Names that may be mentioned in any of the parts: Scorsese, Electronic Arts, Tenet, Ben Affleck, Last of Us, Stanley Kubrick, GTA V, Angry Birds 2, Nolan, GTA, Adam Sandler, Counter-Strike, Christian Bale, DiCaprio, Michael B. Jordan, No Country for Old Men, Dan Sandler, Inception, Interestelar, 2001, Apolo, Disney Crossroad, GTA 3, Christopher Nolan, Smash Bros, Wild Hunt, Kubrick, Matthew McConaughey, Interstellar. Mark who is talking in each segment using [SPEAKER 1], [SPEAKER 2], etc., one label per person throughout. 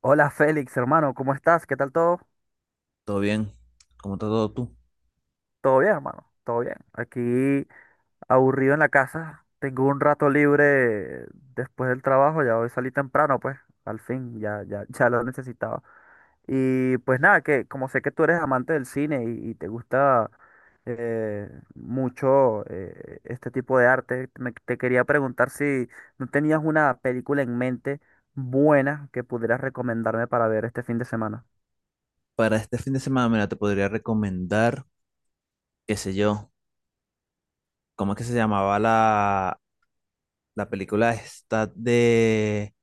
[SPEAKER 1] Hola Félix, hermano, ¿cómo estás? ¿Qué tal todo?
[SPEAKER 2] Todo bien, ¿cómo está todo tú?
[SPEAKER 1] ¿Todo bien, hermano? ¿Todo bien? Aquí aburrido en la casa. Tengo un rato libre después del trabajo, ya hoy salí temprano, pues, al fin, ya, ya, ya lo necesitaba. Y pues nada, que como sé que tú eres amante del cine y te gusta eh, mucho este tipo de arte, te quería preguntar si no tenías una película en mente buena que pudieras recomendarme para ver este fin de semana.
[SPEAKER 2] Para este fin de semana, mira, te podría recomendar, qué sé yo, ¿cómo es que se llamaba la película esta de,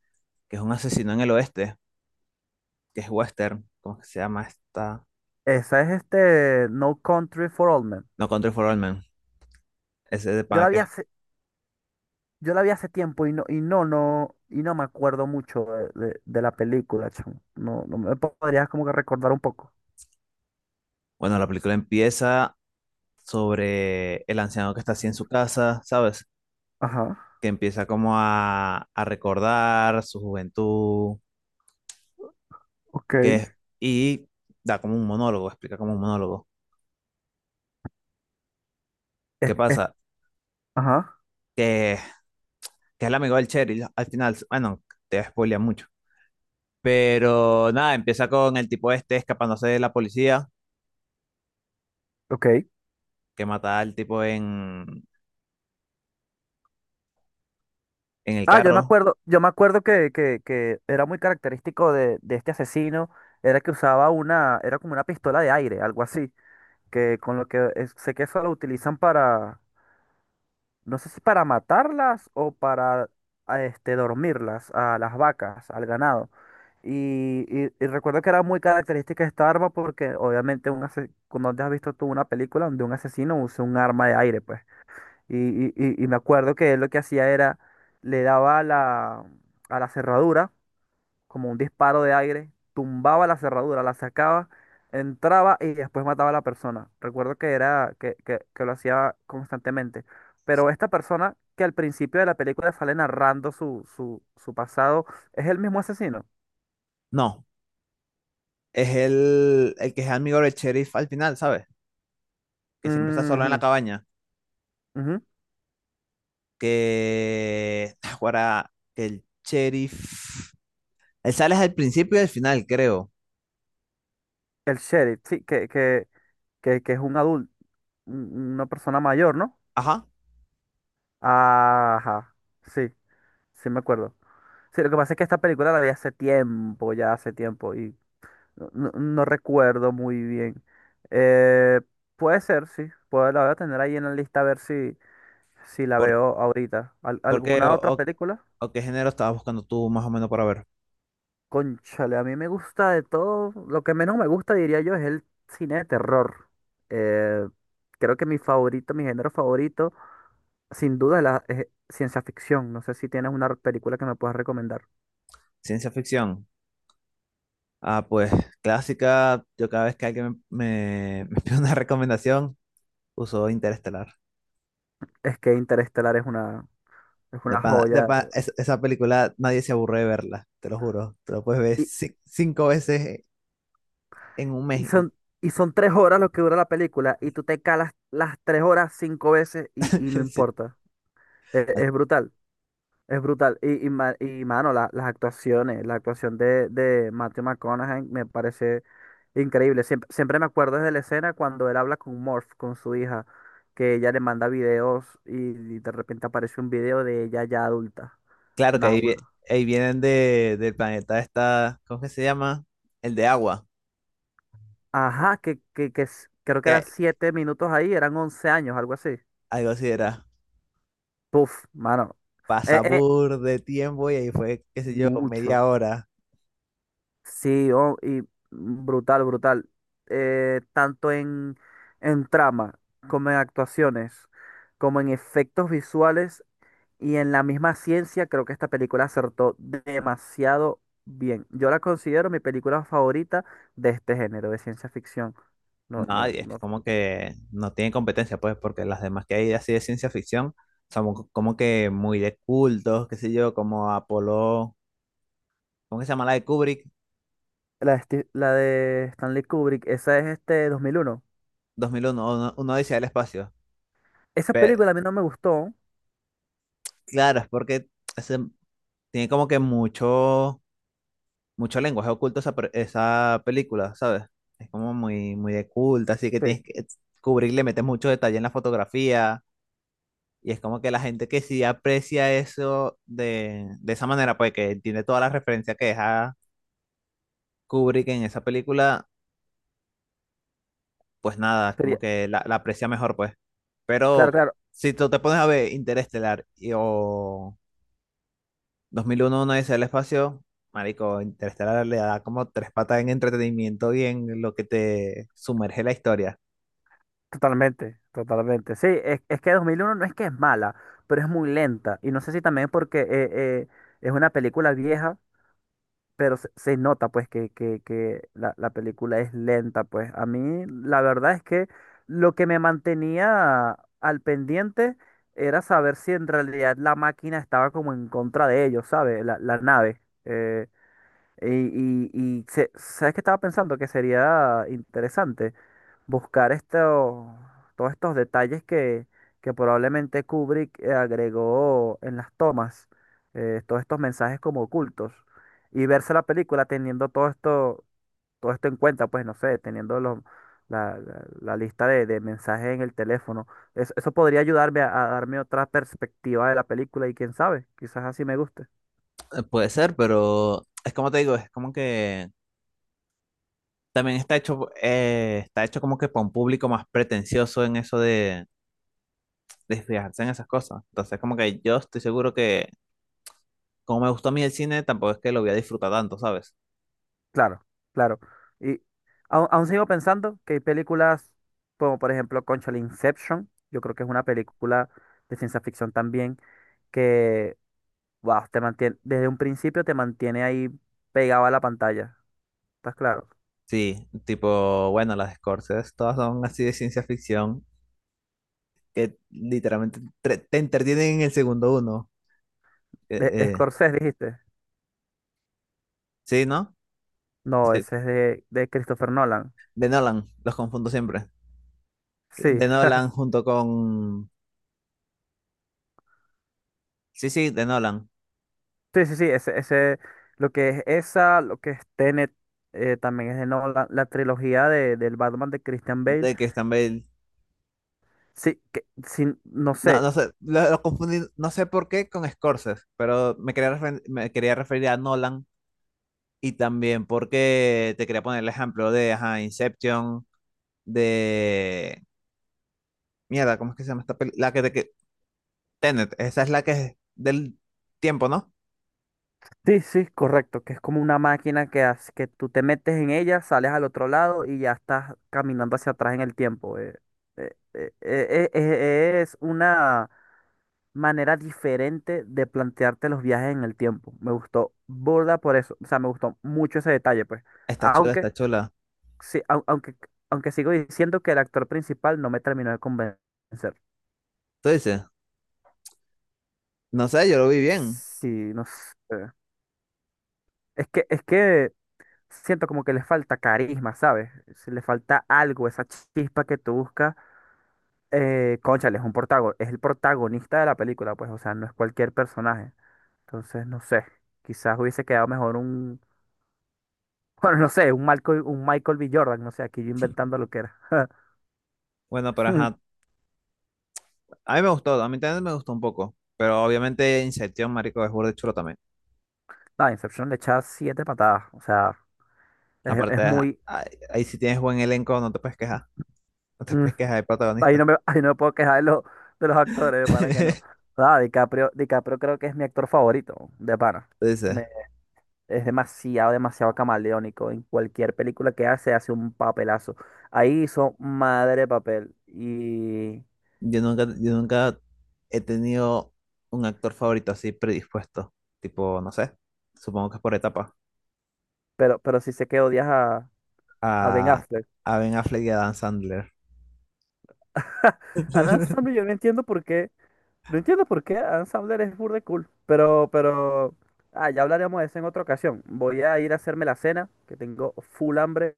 [SPEAKER 2] que es un asesino en el oeste, que es western? ¿Cómo es que se llama esta?
[SPEAKER 1] Esa es No Country for Old Men.
[SPEAKER 2] No Country for Old Men, ese de
[SPEAKER 1] Yo
[SPEAKER 2] pana
[SPEAKER 1] la vi
[SPEAKER 2] que.
[SPEAKER 1] hace, yo la vi hace tiempo y no me acuerdo mucho de la película, chamo. No, no me podrías como que recordar un poco.
[SPEAKER 2] Bueno, la película empieza sobre el anciano que está así en su casa, ¿sabes?
[SPEAKER 1] Ajá.
[SPEAKER 2] Que empieza como a recordar su juventud,
[SPEAKER 1] Ok,
[SPEAKER 2] que es, y da como un monólogo, explica como un monólogo.
[SPEAKER 1] Es-
[SPEAKER 2] ¿Qué pasa?
[SPEAKER 1] ajá.
[SPEAKER 2] que que es el amigo del Cheryl, al final, bueno, te spoilea mucho. Pero nada, empieza con el tipo este escapándose de la policía,
[SPEAKER 1] Ok.
[SPEAKER 2] que mata al tipo en el
[SPEAKER 1] Ah, yo me
[SPEAKER 2] carro.
[SPEAKER 1] acuerdo, yo me acuerdo que era muy característico de este asesino, era que usaba una, era como una pistola de aire, algo así, que con lo que sé que eso lo utilizan para, no sé si para matarlas o para dormirlas a las vacas, al ganado. Y recuerdo que era muy característica esta arma porque obviamente cuando te has visto tú una película donde un asesino usa un arma de aire, pues. Y, y me acuerdo que él lo que hacía era, le daba a la cerradura como un disparo de aire, tumbaba la cerradura, la sacaba, entraba y después mataba a la persona. Recuerdo que era que lo hacía constantemente. Pero esta persona que al principio de la película sale narrando su pasado, es el mismo asesino.
[SPEAKER 2] No, es el que es amigo del sheriff al final, ¿sabes? Que siempre está solo en la
[SPEAKER 1] Ujú,
[SPEAKER 2] cabaña.
[SPEAKER 1] ujú.
[SPEAKER 2] Que ahora que el sheriff. Él sale al principio y al final, creo.
[SPEAKER 1] El sheriff, sí, que es un adulto, una persona mayor, ¿no?
[SPEAKER 2] Ajá.
[SPEAKER 1] Ajá, sí, sí me acuerdo. Sí, lo que pasa es que esta película la vi hace tiempo, ya hace tiempo, y no recuerdo muy bien. Eh, Puede ser, sí. Puedo, la voy a tener ahí en la lista a ver si la
[SPEAKER 2] ¿Por,
[SPEAKER 1] veo ahorita.
[SPEAKER 2] ¿Por qué,
[SPEAKER 1] ¿Alguna otra película?
[SPEAKER 2] o qué género estabas buscando tú más o menos para ver?
[SPEAKER 1] Cónchale, a mí me gusta de todo. Lo que menos me gusta, diría yo, es el cine de terror. Eh, Creo que mi género favorito, sin duda, es ciencia ficción. No sé si tienes una película que me puedas recomendar.
[SPEAKER 2] Ciencia ficción. Ah, pues clásica, yo cada vez que alguien me pide una recomendación, uso Interestelar.
[SPEAKER 1] Es que Interestelar es una, es una joya.
[SPEAKER 2] Esa película nadie se aburre de verla, te lo juro. Te lo puedes ver cinco veces en un mes.
[SPEAKER 1] Y
[SPEAKER 2] Y
[SPEAKER 1] son, y son 3 horas lo que dura la película y tú te calas las 3 horas 5 veces y no
[SPEAKER 2] sí.
[SPEAKER 1] importa.
[SPEAKER 2] Ah,
[SPEAKER 1] Es, brutal, es brutal. Y, mano, la actuación de Matthew McConaughey me parece increíble. Siempre, siempre me acuerdo de la escena cuando él habla con Morph, con su hija, que ella le manda videos y, de repente aparece un video de ella ya adulta.
[SPEAKER 2] claro que ahí, vi
[SPEAKER 1] Náguara.
[SPEAKER 2] ahí vienen de, del planeta esta, ¿cómo que se llama? El de agua,
[SPEAKER 1] Ajá, que creo que
[SPEAKER 2] que
[SPEAKER 1] eran 7 minutos ahí, eran 11 años, algo así.
[SPEAKER 2] algo así era.
[SPEAKER 1] Puf, mano. E,
[SPEAKER 2] Pasa
[SPEAKER 1] e,
[SPEAKER 2] de tiempo y ahí fue, qué sé yo,
[SPEAKER 1] Mucho.
[SPEAKER 2] media hora.
[SPEAKER 1] Sí, oh, y brutal, brutal. Tanto en trama, como en actuaciones, como en efectos visuales y en la misma ciencia, creo que esta película acertó demasiado bien. Yo la considero mi película favorita de este género, de ciencia ficción. No, no,
[SPEAKER 2] Nadie, es
[SPEAKER 1] no.
[SPEAKER 2] como que no tiene competencia, pues, porque las demás que hay así de ciencia ficción son como que muy de cultos, qué sé yo, como Apolo. ¿Cómo que se llama la de Kubrick?
[SPEAKER 1] La de Stanley Kubrick, esa es 2001.
[SPEAKER 2] 2001, uno dice el espacio.
[SPEAKER 1] Esa
[SPEAKER 2] Pero
[SPEAKER 1] película a mí no me gustó.
[SPEAKER 2] claro, es porque ese- tiene como que mucho, mucho lenguaje oculto esa, esa película, ¿sabes? Es como muy, muy de culto, así que
[SPEAKER 1] Sí.
[SPEAKER 2] tienes que, Kubrick le mete mucho detalle en la fotografía. Y es como que la gente que sí aprecia eso de esa manera, pues que tiene todas las referencias que deja Kubrick en esa película, pues nada, es como
[SPEAKER 1] Sería-
[SPEAKER 2] que la aprecia mejor, pues.
[SPEAKER 1] claro,
[SPEAKER 2] Pero
[SPEAKER 1] claro.
[SPEAKER 2] si tú te pones a ver Interestelar y, o 2001, una dice el espacio, marico, Interestelar le da como tres patas en entretenimiento y en lo que te sumerge la historia.
[SPEAKER 1] Totalmente, totalmente. Sí, es que 2001 no es que es mala, pero es muy lenta. Y no sé si también porque es una película vieja, pero se nota pues que la película es lenta. Pues a mí la verdad es que lo que me mantenía al pendiente era saber si en realidad la máquina estaba como en contra de ellos, ¿sabes? La nave. Eh, y, ¿Sabes qué estaba pensando? Que sería interesante buscar esto, todos estos detalles que probablemente Kubrick agregó en las tomas, todos estos mensajes como ocultos, y verse la película teniendo todo esto en cuenta, pues no sé, teniendo la lista de mensajes en el teléfono. Eso podría ayudarme a darme otra perspectiva de la película y quién sabe, quizás así me guste.
[SPEAKER 2] Puede ser, pero es como te digo, es como que también está hecho como que para un público más pretencioso en eso de desfijarse en esas cosas. Entonces, como que yo estoy seguro que, como me gustó a mí el cine, tampoco es que lo voy a disfrutar tanto, ¿sabes?
[SPEAKER 1] Claro, claro. Y aún, sigo pensando que hay películas como por ejemplo Conchal Inception, yo creo que es una película de ciencia ficción también que, wow, te mantiene, desde un principio te mantiene ahí pegado a la pantalla, ¿estás claro?
[SPEAKER 2] Sí, tipo, bueno, las de Scorsese todas son así de ciencia ficción, que literalmente te entretienen en el segundo uno.
[SPEAKER 1] De
[SPEAKER 2] Eh, eh,
[SPEAKER 1] Scorsese dijiste.
[SPEAKER 2] sí, ¿no?
[SPEAKER 1] No,
[SPEAKER 2] Este,
[SPEAKER 1] ese es de Christopher Nolan.
[SPEAKER 2] De Nolan, los confundo siempre.
[SPEAKER 1] Sí,
[SPEAKER 2] De Nolan junto con... Sí, sí, de Nolan,
[SPEAKER 1] sí, sí, sí, lo que es Tenet, también es de Nolan, la trilogía del Batman de Christian Bale.
[SPEAKER 2] de que también...
[SPEAKER 1] Sí, que, sin, no
[SPEAKER 2] No,
[SPEAKER 1] sé.
[SPEAKER 2] no sé, lo confundí, no sé por qué con Scorsese, pero me quería, me quería referir a Nolan. Y también porque te quería poner el ejemplo de ajá, Inception, de... Mierda, ¿cómo es que se llama esta película? La que te... que- Tenet, esa es la que es del tiempo, ¿no?
[SPEAKER 1] Sí, sí, correcto, que es como una máquina que, que tú te metes en ella, sales al otro lado y ya estás caminando hacia atrás en el tiempo. Es una manera diferente de plantearte los viajes en el tiempo. Me gustó burda por eso, o sea, me gustó mucho ese detalle, pues.
[SPEAKER 2] Está chula, está
[SPEAKER 1] Aunque,
[SPEAKER 2] chula.
[SPEAKER 1] sí, aunque sigo diciendo que el actor principal no me terminó de convencer.
[SPEAKER 2] Tú dices, no sé, yo lo vi bien.
[SPEAKER 1] Sí, no sé. Es que siento como que le falta carisma, ¿sabes? Si le falta algo, esa chispa que tú buscas. Cónchale, es el protagonista de la película, pues, o sea, no es cualquier personaje. Entonces, no sé, quizás hubiese quedado mejor un, bueno, no sé, un Michael B. Jordan, no sé, aquí yo inventando lo que era.
[SPEAKER 2] Bueno, pero ajá, a mí me gustó, a mí también me gustó un poco. Pero obviamente Inception, marico, es burde chulo también.
[SPEAKER 1] No, Inception le echa 7 patadas, o sea, es,
[SPEAKER 2] Aparte,
[SPEAKER 1] es
[SPEAKER 2] ajá,
[SPEAKER 1] muy,
[SPEAKER 2] ahí, ahí si tienes buen elenco, no te puedes quejar. No te
[SPEAKER 1] mm,
[SPEAKER 2] puedes quejar de
[SPEAKER 1] ahí
[SPEAKER 2] protagonista.
[SPEAKER 1] no me, ahí no me puedo quejar de los actores, de pana que no. Ah, DiCaprio creo que es mi actor favorito, de pana.
[SPEAKER 2] Tú dices,
[SPEAKER 1] Es demasiado, demasiado camaleónico. En cualquier película que hace, hace un papelazo. Ahí hizo madre de papel. Y...
[SPEAKER 2] yo nunca, yo nunca he tenido un actor favorito así predispuesto. Tipo, no sé, supongo que es por etapa.
[SPEAKER 1] Pero sí sé que odias a Ben
[SPEAKER 2] A,
[SPEAKER 1] Affleck.
[SPEAKER 2] a Ben Affleck y a Dan Sandler.
[SPEAKER 1] A Adam Sandler yo no entiendo por qué. No entiendo por qué Adam Sandler es burda de cool. Pero... Ah, ya hablaremos de eso en otra ocasión. Voy a ir a hacerme la cena, que tengo full hambre.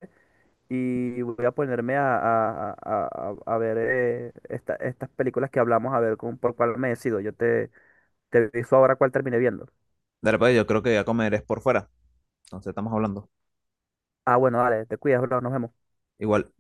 [SPEAKER 1] Y voy a ponerme a ver estas películas que hablamos, a ver por cuál me decido. Yo te... Te aviso ahora cuál terminé viendo.
[SPEAKER 2] De repente yo creo que voy a comer es por fuera. Entonces estamos hablando.
[SPEAKER 1] Ah, bueno, dale, te cuidas, bro, nos vemos.
[SPEAKER 2] Igual,